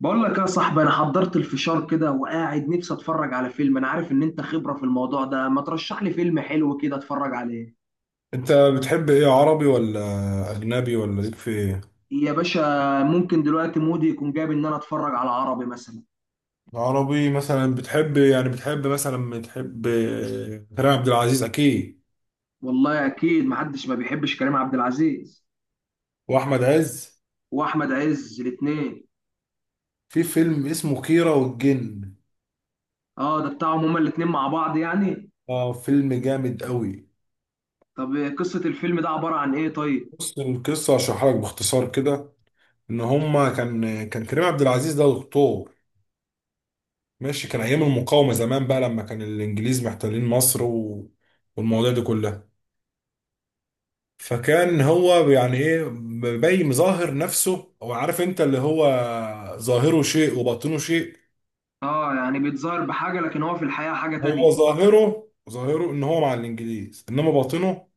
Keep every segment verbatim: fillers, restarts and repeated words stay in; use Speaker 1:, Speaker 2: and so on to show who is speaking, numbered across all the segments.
Speaker 1: بقول لك يا صاحبي، انا حضرت الفشار كده وقاعد نفسي اتفرج على فيلم. انا عارف ان انت خبرة في الموضوع ده، ما ترشح لي فيلم حلو كده اتفرج عليه.
Speaker 2: انت بتحب ايه، عربي ولا اجنبي ولا ليك في ايه؟
Speaker 1: يا باشا، ممكن دلوقتي مودي يكون جايب ان انا اتفرج على عربي مثلا.
Speaker 2: عربي مثلا، بتحب يعني بتحب مثلا، بتحب كريم عبد العزيز اكيد.
Speaker 1: والله اكيد محدش ما بيحبش كريم عبد العزيز.
Speaker 2: واحمد عز.
Speaker 1: واحمد عز الاتنين.
Speaker 2: في فيلم اسمه كيرة والجن.
Speaker 1: اه، ده بتاعهم هما الاتنين مع بعض يعني.
Speaker 2: اه، فيلم جامد قوي.
Speaker 1: طب قصة الفيلم ده عبارة عن ايه؟ طيب.
Speaker 2: بص، القصه هشرحها لك باختصار كده. ان هما كان كان كريم عبد العزيز ده دكتور. ماشي، كان ايام المقاومه زمان بقى، لما كان الانجليز محتلين مصر و... والمواضيع دي كلها. فكان هو يعني ايه، مبين مظاهر نفسه، هو عارف انت، اللي هو ظاهره شيء وباطنه شيء.
Speaker 1: اه، يعني بيتظاهر بحاجة، لكن هو في الحقيقة حاجة تانية.
Speaker 2: هو ظاهره ظاهره ان هو مع الانجليز، انما باطنه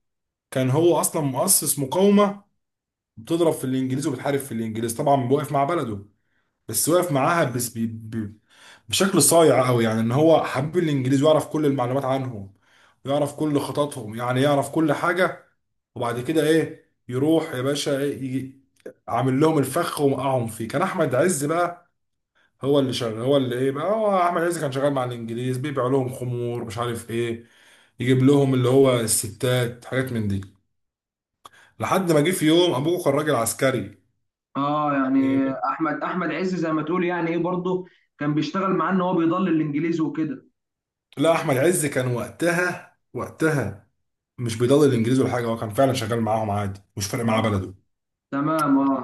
Speaker 2: كان هو اصلا مؤسس مقاومه، بتضرب في الانجليز وبتحارب في الانجليز، طبعا واقف مع بلده، بس واقف معاها بس بي بي بشكل صايع قوي. يعني ان هو حبيب الانجليز، ويعرف كل المعلومات عنهم، ويعرف كل خططهم، يعني يعرف كل حاجة. وبعد كده ايه، يروح يا باشا، إيه، يجي عامل لهم الفخ ومقعهم فيه. كان احمد عز بقى هو اللي شغال، هو اللي ايه بقى، هو احمد عز كان شغال مع الانجليز، بيبيع لهم خمور، مش عارف ايه، يجيب لهم اللي هو الستات، حاجات من دي. لحد ما جه في يوم ابوه كان راجل عسكري.
Speaker 1: اه يعني،
Speaker 2: إيه،
Speaker 1: احمد احمد عز زي ما تقول يعني ايه برضه، كان بيشتغل معاه ان هو بيضل الانجليزي وكده.
Speaker 2: لا، احمد عز كان وقتها وقتها مش بيضل الانجليز ولا حاجه، هو كان فعلا شغال معاهم عادي، مش فارق معاه
Speaker 1: اه،
Speaker 2: بلده.
Speaker 1: تمام، اه.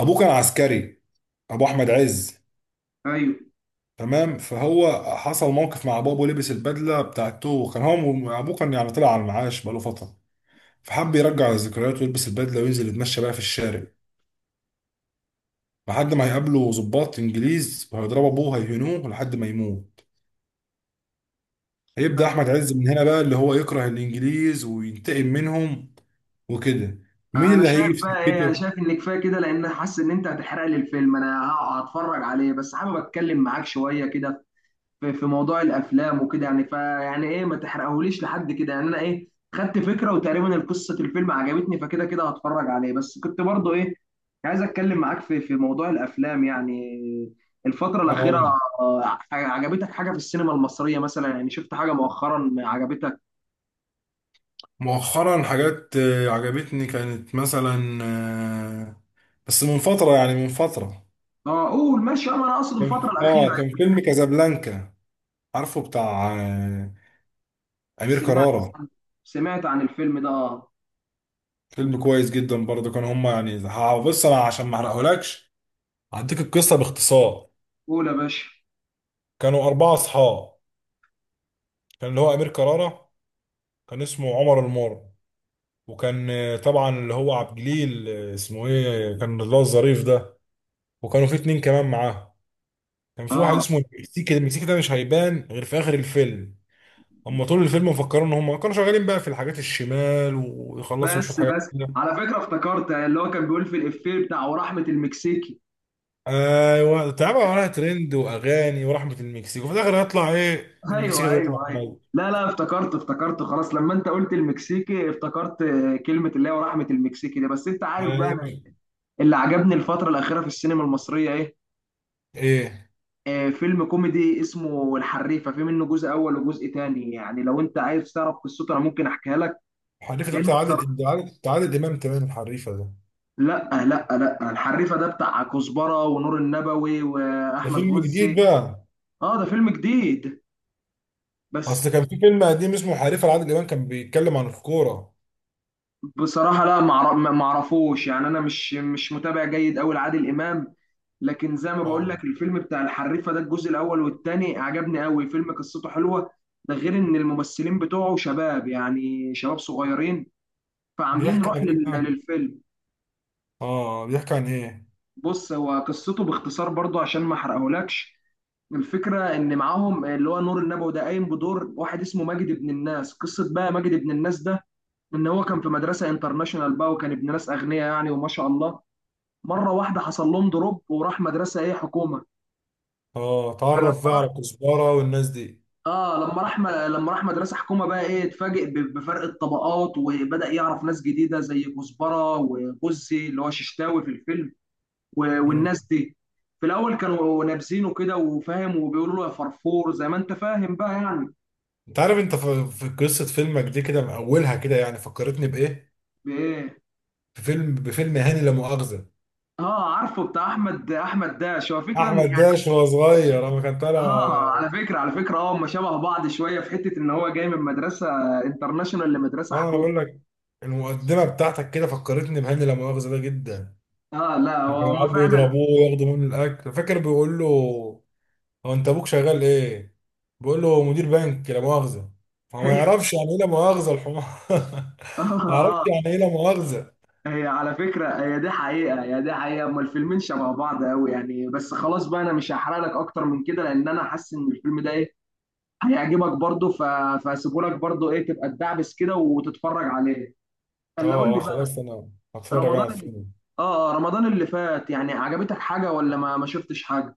Speaker 2: ابوه كان عسكري، ابو احمد عز.
Speaker 1: ايوه.
Speaker 2: تمام. فهو حصل موقف مع بابه، لبس البدله بتاعته. كان هو ابوه كان يعني طلع على المعاش بقاله فتره، فحب يرجع الذكريات ويلبس البدله وينزل يتمشى بقى في الشارع، لحد ما هيقابله ضباط انجليز وهيضربوا ابوه هيهنوه لحد ما يموت. هيبدا
Speaker 1: طيب.
Speaker 2: احمد عز من هنا بقى اللي هو يكره الانجليز وينتقم منهم وكده. مين
Speaker 1: انا
Speaker 2: اللي هيجي في
Speaker 1: شايف بقى ايه، انا
Speaker 2: سكته؟
Speaker 1: شايف ان كفايه كده لان حاسس ان انت هتحرق لي الفيلم، انا هتفرج عليه. بس حابب اتكلم معاك شويه كده في في موضوع الافلام وكده يعني، فيعني ايه، ما تحرقهوليش لحد كده يعني. انا ايه، خدت فكره، وتقريبا القصه الفيلم عجبتني، فكده كده هتفرج عليه. بس كنت برضو ايه عايز اتكلم معاك في في موضوع الافلام يعني. الفتره الاخيره
Speaker 2: اه،
Speaker 1: آه، عجبتك حاجه في السينما المصريه مثلا يعني، شفت حاجه مؤخرا عجبتك؟
Speaker 2: مؤخرا حاجات آه، عجبتني، كانت مثلا آه، بس من فترة، يعني من فترة.
Speaker 1: اه، قول ماشي. آه، ما انا اقصد الفتره
Speaker 2: كان-
Speaker 1: الاخيره
Speaker 2: اه، كان
Speaker 1: يعني.
Speaker 2: فيلم كازابلانكا، عارفه بتاع آه، أمير
Speaker 1: سمعت
Speaker 2: كرارة.
Speaker 1: عن سمعت عن الفيلم ده، اه.
Speaker 2: فيلم كويس جدا برضه. كانوا هما يعني ه- بص، أنا عشان ما أحرقهولكش هديك القصة باختصار.
Speaker 1: قول يا باشا.
Speaker 2: كانوا أربعة أصحاب. كان اللي هو أمير كرارة، كان اسمه عمر المر. وكان آه، طبعا اللي هو عبد الجليل، آه، اسمه إيه، كان اللي هو الظريف ده. وكانوا في اتنين كمان معاه. كان في واحد
Speaker 1: اه،
Speaker 2: اسمه المكسيكي. المكسيكي ده مش هيبان غير في اخر الفيلم، اما طول الفيلم مفكرين ان هم كانوا شغالين بقى في الحاجات الشمال ويخلصوا شويه
Speaker 1: بس
Speaker 2: حاجات
Speaker 1: بس،
Speaker 2: كده.
Speaker 1: على فكره افتكرت اللي هو كان بيقول في الافيه بتاع ورحمه المكسيكي.
Speaker 2: ايوه، تعبوا عليها ترند واغاني ورحمه المكسيك، وفي الاخر هيطلع ايه، المكسيكي
Speaker 1: ايوه،
Speaker 2: ده يطلع
Speaker 1: ايوه، ايوه.
Speaker 2: عادي.
Speaker 1: لا لا، افتكرت افتكرت. خلاص لما انت قلت المكسيكي افتكرت كلمة اللي هي ورحمة المكسيكي دي. بس انت عارف بقى انا،
Speaker 2: ايوه.
Speaker 1: اللي عجبني الفترة الأخيرة في السينما المصرية ايه؟
Speaker 2: ايه
Speaker 1: آه، فيلم كوميدي اسمه الحريفة، في منه جزء أول وجزء تاني. يعني لو انت عايز تعرف قصته، انا ممكن احكيها لك.
Speaker 2: الحريفه ده؟
Speaker 1: لأنه
Speaker 2: بتاع عادل
Speaker 1: بصراحة.
Speaker 2: عادل بتاع عادل امام، تمام، الحريفه ده؟
Speaker 1: لا لا لا، الحريفة ده بتاع كزبرة ونور النبوي
Speaker 2: ده
Speaker 1: وأحمد
Speaker 2: فيلم جديد
Speaker 1: غزي.
Speaker 2: بقى.
Speaker 1: اه، ده فيلم جديد.
Speaker 2: اصل
Speaker 1: بس
Speaker 2: كان في فيلم قديم اسمه حريفه لعادل امام، كان بيتكلم عن الكوره.
Speaker 1: بصراحة، لا معر- ما ما اعرفوش يعني. انا مش مش متابع جيد قوي لعادل امام. لكن زي ما بقول
Speaker 2: اه،
Speaker 1: لك، الفيلم بتاع الحريفة ده، الجزء الاول والثاني، عجبني قوي. فيلم قصته حلوة، ده غير ان الممثلين بتوعه شباب، يعني شباب صغيرين، فعاملين
Speaker 2: بيحكي
Speaker 1: روح
Speaker 2: عن ايه
Speaker 1: لل-
Speaker 2: بقى؟
Speaker 1: للفيلم.
Speaker 2: اه، بيحكي عن ايه؟
Speaker 1: بص، هو قصته باختصار، برضو عشان ما احرقهولكش. الفكرة إن معاهم اللي هو نور النبوي ده قايم بدور واحد اسمه ماجد ابن الناس. قصة بقى ماجد ابن الناس ده، إن هو كان في مدرسة انترناشونال بقى، وكان ابن ناس أغنياء يعني، وما شاء الله، مره واحده حصل لهم دروب وراح مدرسه ايه حكومه.
Speaker 2: اه.
Speaker 1: فلما
Speaker 2: تعرف بقى على
Speaker 1: راح
Speaker 2: كزبرة والناس دي.
Speaker 1: اه لما راح م... لما راح مدرسه حكومه بقى، ايه، اتفاجئ ب- بفرق الطبقات، وبدا يعرف ناس جديده زي كزبره وغزي اللي هو ششتاوي في الفيلم و...
Speaker 2: مم.
Speaker 1: والناس دي. في الاول كانوا نابزينه كده وفاهم، وبيقولوا له يا فرفور، زي ما انت فاهم بقى يعني.
Speaker 2: انت عارف انت في في قصة فيلمك دي كده من اولها كده، يعني فكرتني بايه؟
Speaker 1: بايه؟
Speaker 2: بفيلم بفيلم هاني لا مؤاخذة.
Speaker 1: اه، عارفه، بتاع احمد احمد داش، هو فكره إن
Speaker 2: احمد
Speaker 1: يعني.
Speaker 2: داش وهو صغير اما كان طالع.
Speaker 1: اه، على فكره على فكره، اه، هم شبه بعض شويه، في حته ان هو جاي من مدرسه انترناشونال لمدرسه
Speaker 2: اه، انا
Speaker 1: حكومه.
Speaker 2: بقول لك، المقدمة بتاعتك كده فكرتني بهاني لا مؤاخذة ده جدا.
Speaker 1: اه، لا،
Speaker 2: لما
Speaker 1: هو
Speaker 2: كانوا
Speaker 1: هم
Speaker 2: يقعدوا
Speaker 1: فعلا
Speaker 2: يضربوه وياخدوا منه الاكل، فاكر بيقول له، هو انت ابوك شغال ايه؟ بيقول له مدير بنك لا مؤاخذة. هو ما
Speaker 1: ايوه.
Speaker 2: يعرفش يعني ايه لا مؤاخذة الحمار.
Speaker 1: اه،
Speaker 2: ما يعرفش
Speaker 1: اه.
Speaker 2: يعني ايه لا مؤاخذة.
Speaker 1: هي على فكره، هي دي حقيقه، هي دي حقيقه، هم الفيلمين شبه بعض قوي يعني. بس خلاص بقى، انا مش هحرق لك اكتر من كده، لان انا حاسس ان الفيلم ده ايه، هيعجبك برضه ف... فهسيبه لك برضه ايه، تبقى تدعبس كده وتتفرج عليه. اللي قول
Speaker 2: اه،
Speaker 1: لي
Speaker 2: اه، خلاص
Speaker 1: بقى.
Speaker 2: انا هتفرج على
Speaker 1: رمضان اللي...
Speaker 2: الفيلم.
Speaker 1: اه آه، رمضان اللي فات يعني، عجبتك حاجه ولا ما ما شفتش حاجه؟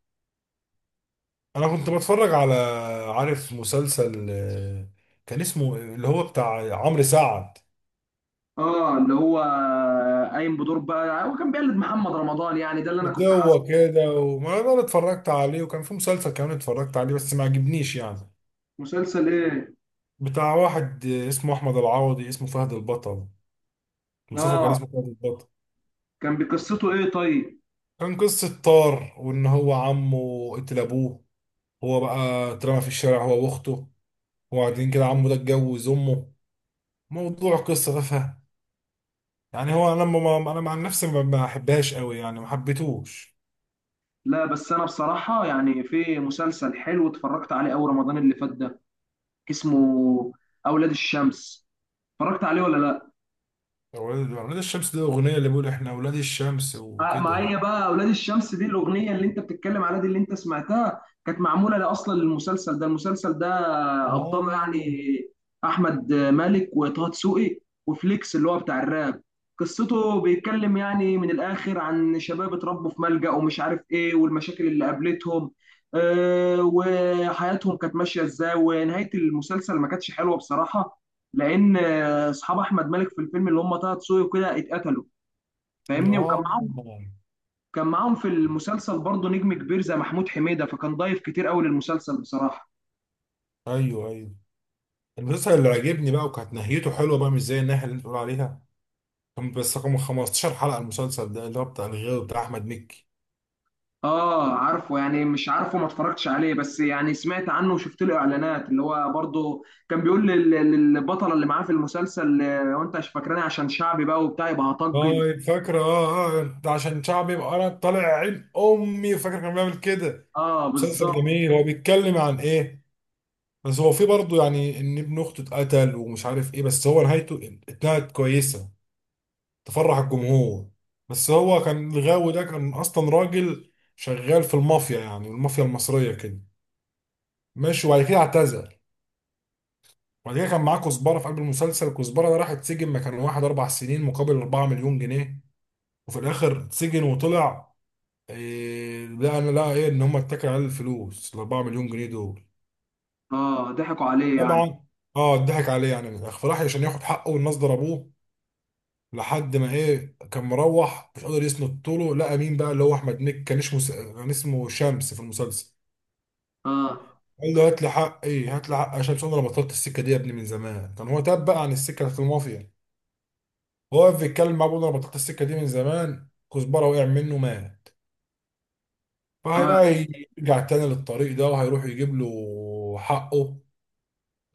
Speaker 2: انا كنت بتفرج على، عارف مسلسل، آه، كان اسمه اللي هو بتاع عمرو سعد.
Speaker 1: اه، اللي هو قايم بدور بقى، هو كان بيقلد محمد رمضان يعني، ده اللي انا كنت حاسه.
Speaker 2: هو كده، وما انا اتفرجت عليه، وكان في مسلسل كمان اتفرجت عليه بس ما عجبنيش يعني.
Speaker 1: مسلسل ايه؟
Speaker 2: بتاع واحد آه، اسمه احمد العوضي، اسمه فهد البطل. المسلسل كان
Speaker 1: اه،
Speaker 2: اسمه فهد البطل.
Speaker 1: كان بقصته ايه طيب؟
Speaker 2: كان قصة طار، وان هو عمه قتل ابوه. هو بقى اترمى في الشارع هو واخته. وبعدين كده عمه ده اتجوز امه. موضوع قصة تافهة يعني، هو انا لما ما انا مع نفسي ما ما بحبهاش قوي يعني، ما حبيتهوش.
Speaker 1: لا، بس انا بصراحة يعني، في مسلسل حلو اتفرجت عليه اول رمضان اللي فات ده، اسمه اولاد الشمس. اتفرجت عليه ولا لا؟
Speaker 2: اولاد أولاد الشمس دي الاغنيه اللي بيقول احنا اولاد الشمس
Speaker 1: آه،
Speaker 2: وكده.
Speaker 1: معايا بقى، اولاد الشمس دي الاغنيه اللي انت بتتكلم عليها دي اللي انت سمعتها، كانت معموله لا اصلا للمسلسل ده. المسلسل ده ابطال
Speaker 2: آه.
Speaker 1: يعني احمد مالك وطه دسوقي وفليكس اللي هو بتاع الراب. قصته بيتكلم يعني من الاخر عن شباب اتربوا في ملجأ ومش عارف ايه، والمشاكل اللي قابلتهم آه، وحياتهم كانت ماشيه ازاي. ونهايه المسلسل ما كانتش حلوه بصراحه، لان آه، اصحاب احمد مالك في الفيلم اللي هم طه دسوقي وكده اتقتلوا، فاهمني. وكان
Speaker 2: آه.
Speaker 1: معاهم كان معاهم في المسلسل برضه نجم كبير زي محمود حميدة، فكان ضايف كتير قوي للمسلسل بصراحة.
Speaker 2: ايوه، ايوه. المسلسل اللي عجبني بقى وكانت نهايته حلوه بقى، مش زي الناحيه اللي انت بتقول عليها. كان بس رقم خمستاشر حلقه المسلسل ده، اللي هو بتاع الغاوي بتاع احمد مكي.
Speaker 1: اه، عارفه يعني، مش عارفه، ما اتفرجتش عليه، بس يعني سمعت عنه وشفت له اعلانات، اللي هو برضه كان بيقول لل- لل- للبطلة اللي معاه في المسلسل آه، وانت مش فاكراني، عشان شعبي بقى وبتاع، يبقى هطجن.
Speaker 2: طيب، فاكره، اه، اه، ده عشان شعبي يبقى انا طالع عين امي. فاكر كان بيعمل كده.
Speaker 1: اه،
Speaker 2: مسلسل
Speaker 1: بالظبط.
Speaker 2: جميل. هو بيتكلم عن ايه؟ بس هو في برضه يعني ان ابن اخته اتقتل، ومش عارف ايه، بس هو نهايته اتنهت كويسه، تفرح الجمهور. بس هو كان الغاوي ده كان اصلا راجل شغال في المافيا، يعني المافيا المصريه كده. ماشي. وبعد كده اعتزل. وبعد كده كان معاه كزبره في قلب المسلسل. كزبره ده راح اتسجن مكان واحد اربع سنين، مقابل اربعة مليون جنيه، وفي الاخر اتسجن وطلع. إيه لا، انا، لا، ايه ان هم اتكلوا على الفلوس ال اربعة مليون جنيه دول.
Speaker 1: اه، ضحكوا عليه يعني.
Speaker 2: طبعا. اه، اتضحك عليه يعني، من الاخر فراح عشان ياخد حقه والناس ضربوه، لحد ما ايه كان مروح مش قادر يسند طوله. لقى مين بقى، اللي هو احمد نك، كان اسمه س- كان اسمه شمس في المسلسل.
Speaker 1: اه،
Speaker 2: قال له هات لي حق ايه هات لي حق يا شمس، انا بطلت السكه دي يا ابني من زمان. كان هو تاب بقى عن السكه بتاعت المافيا. هو واقف بيتكلم مع ابوه، انا بطلت السكه دي من زمان. كزبره وقع منه مات.
Speaker 1: اه.
Speaker 2: فهيبقى يرجع تاني للطريق ده وهيروح يجيب له حقه.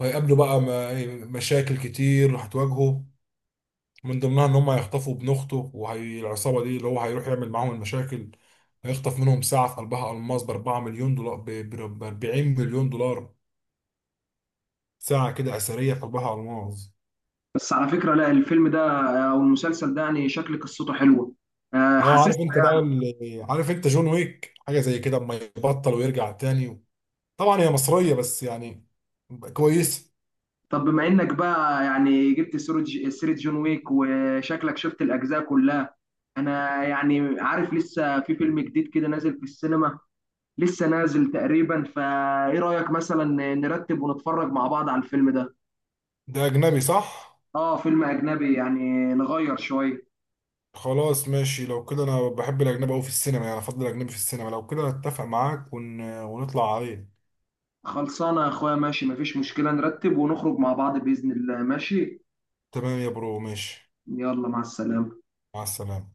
Speaker 2: وهيقابله بقى م- إيه، مشاكل كتير هتواجهه، من ضمنها ان هم هيخطفوا ابن اخته، وهي العصابه دي اللي هو هيروح يعمل معاهم المشاكل. هيخطف منهم ساعه في قلبها الماس ب اربعة مليون دولار، ب ب- اربعين مليون دولار، ساعه كده اثريه في قلبها الماس.
Speaker 1: بس على فكرة، لا، الفيلم ده او المسلسل ده يعني شكل قصته حلوة. آه،
Speaker 2: اه،
Speaker 1: حاسس.
Speaker 2: عارف انت بقى ال- عارف انت جون ويك حاجه زي كده، اما يبطل ويرجع تاني. طبعا هي مصريه بس يعني. كويس.
Speaker 1: طب بما انك بقى يعني جبت سيرة ج- سيرة جون ويك، وشكلك شفت الاجزاء كلها. انا يعني عارف لسه في فيلم جديد كده نازل في السينما، لسه نازل تقريبا، فايه رأيك مثلا نرتب ونتفرج مع بعض على الفيلم ده؟
Speaker 2: ده اجنبي صح؟
Speaker 1: اه، فيلم اجنبي يعني، نغير شوية.
Speaker 2: خلاص، ماشي لو كده، انا بحب الاجنبي قوي في السينما، يعني افضل الاجنبي في السينما، لو كده اتفق معاك ون... ونطلع عليه.
Speaker 1: خلصانة يا اخويا، ماشي، مفيش مشكلة، نرتب ونخرج مع بعض بإذن الله. ماشي.
Speaker 2: تمام يا برو، ماشي.
Speaker 1: يلا، مع السلامة.
Speaker 2: مع السلامه.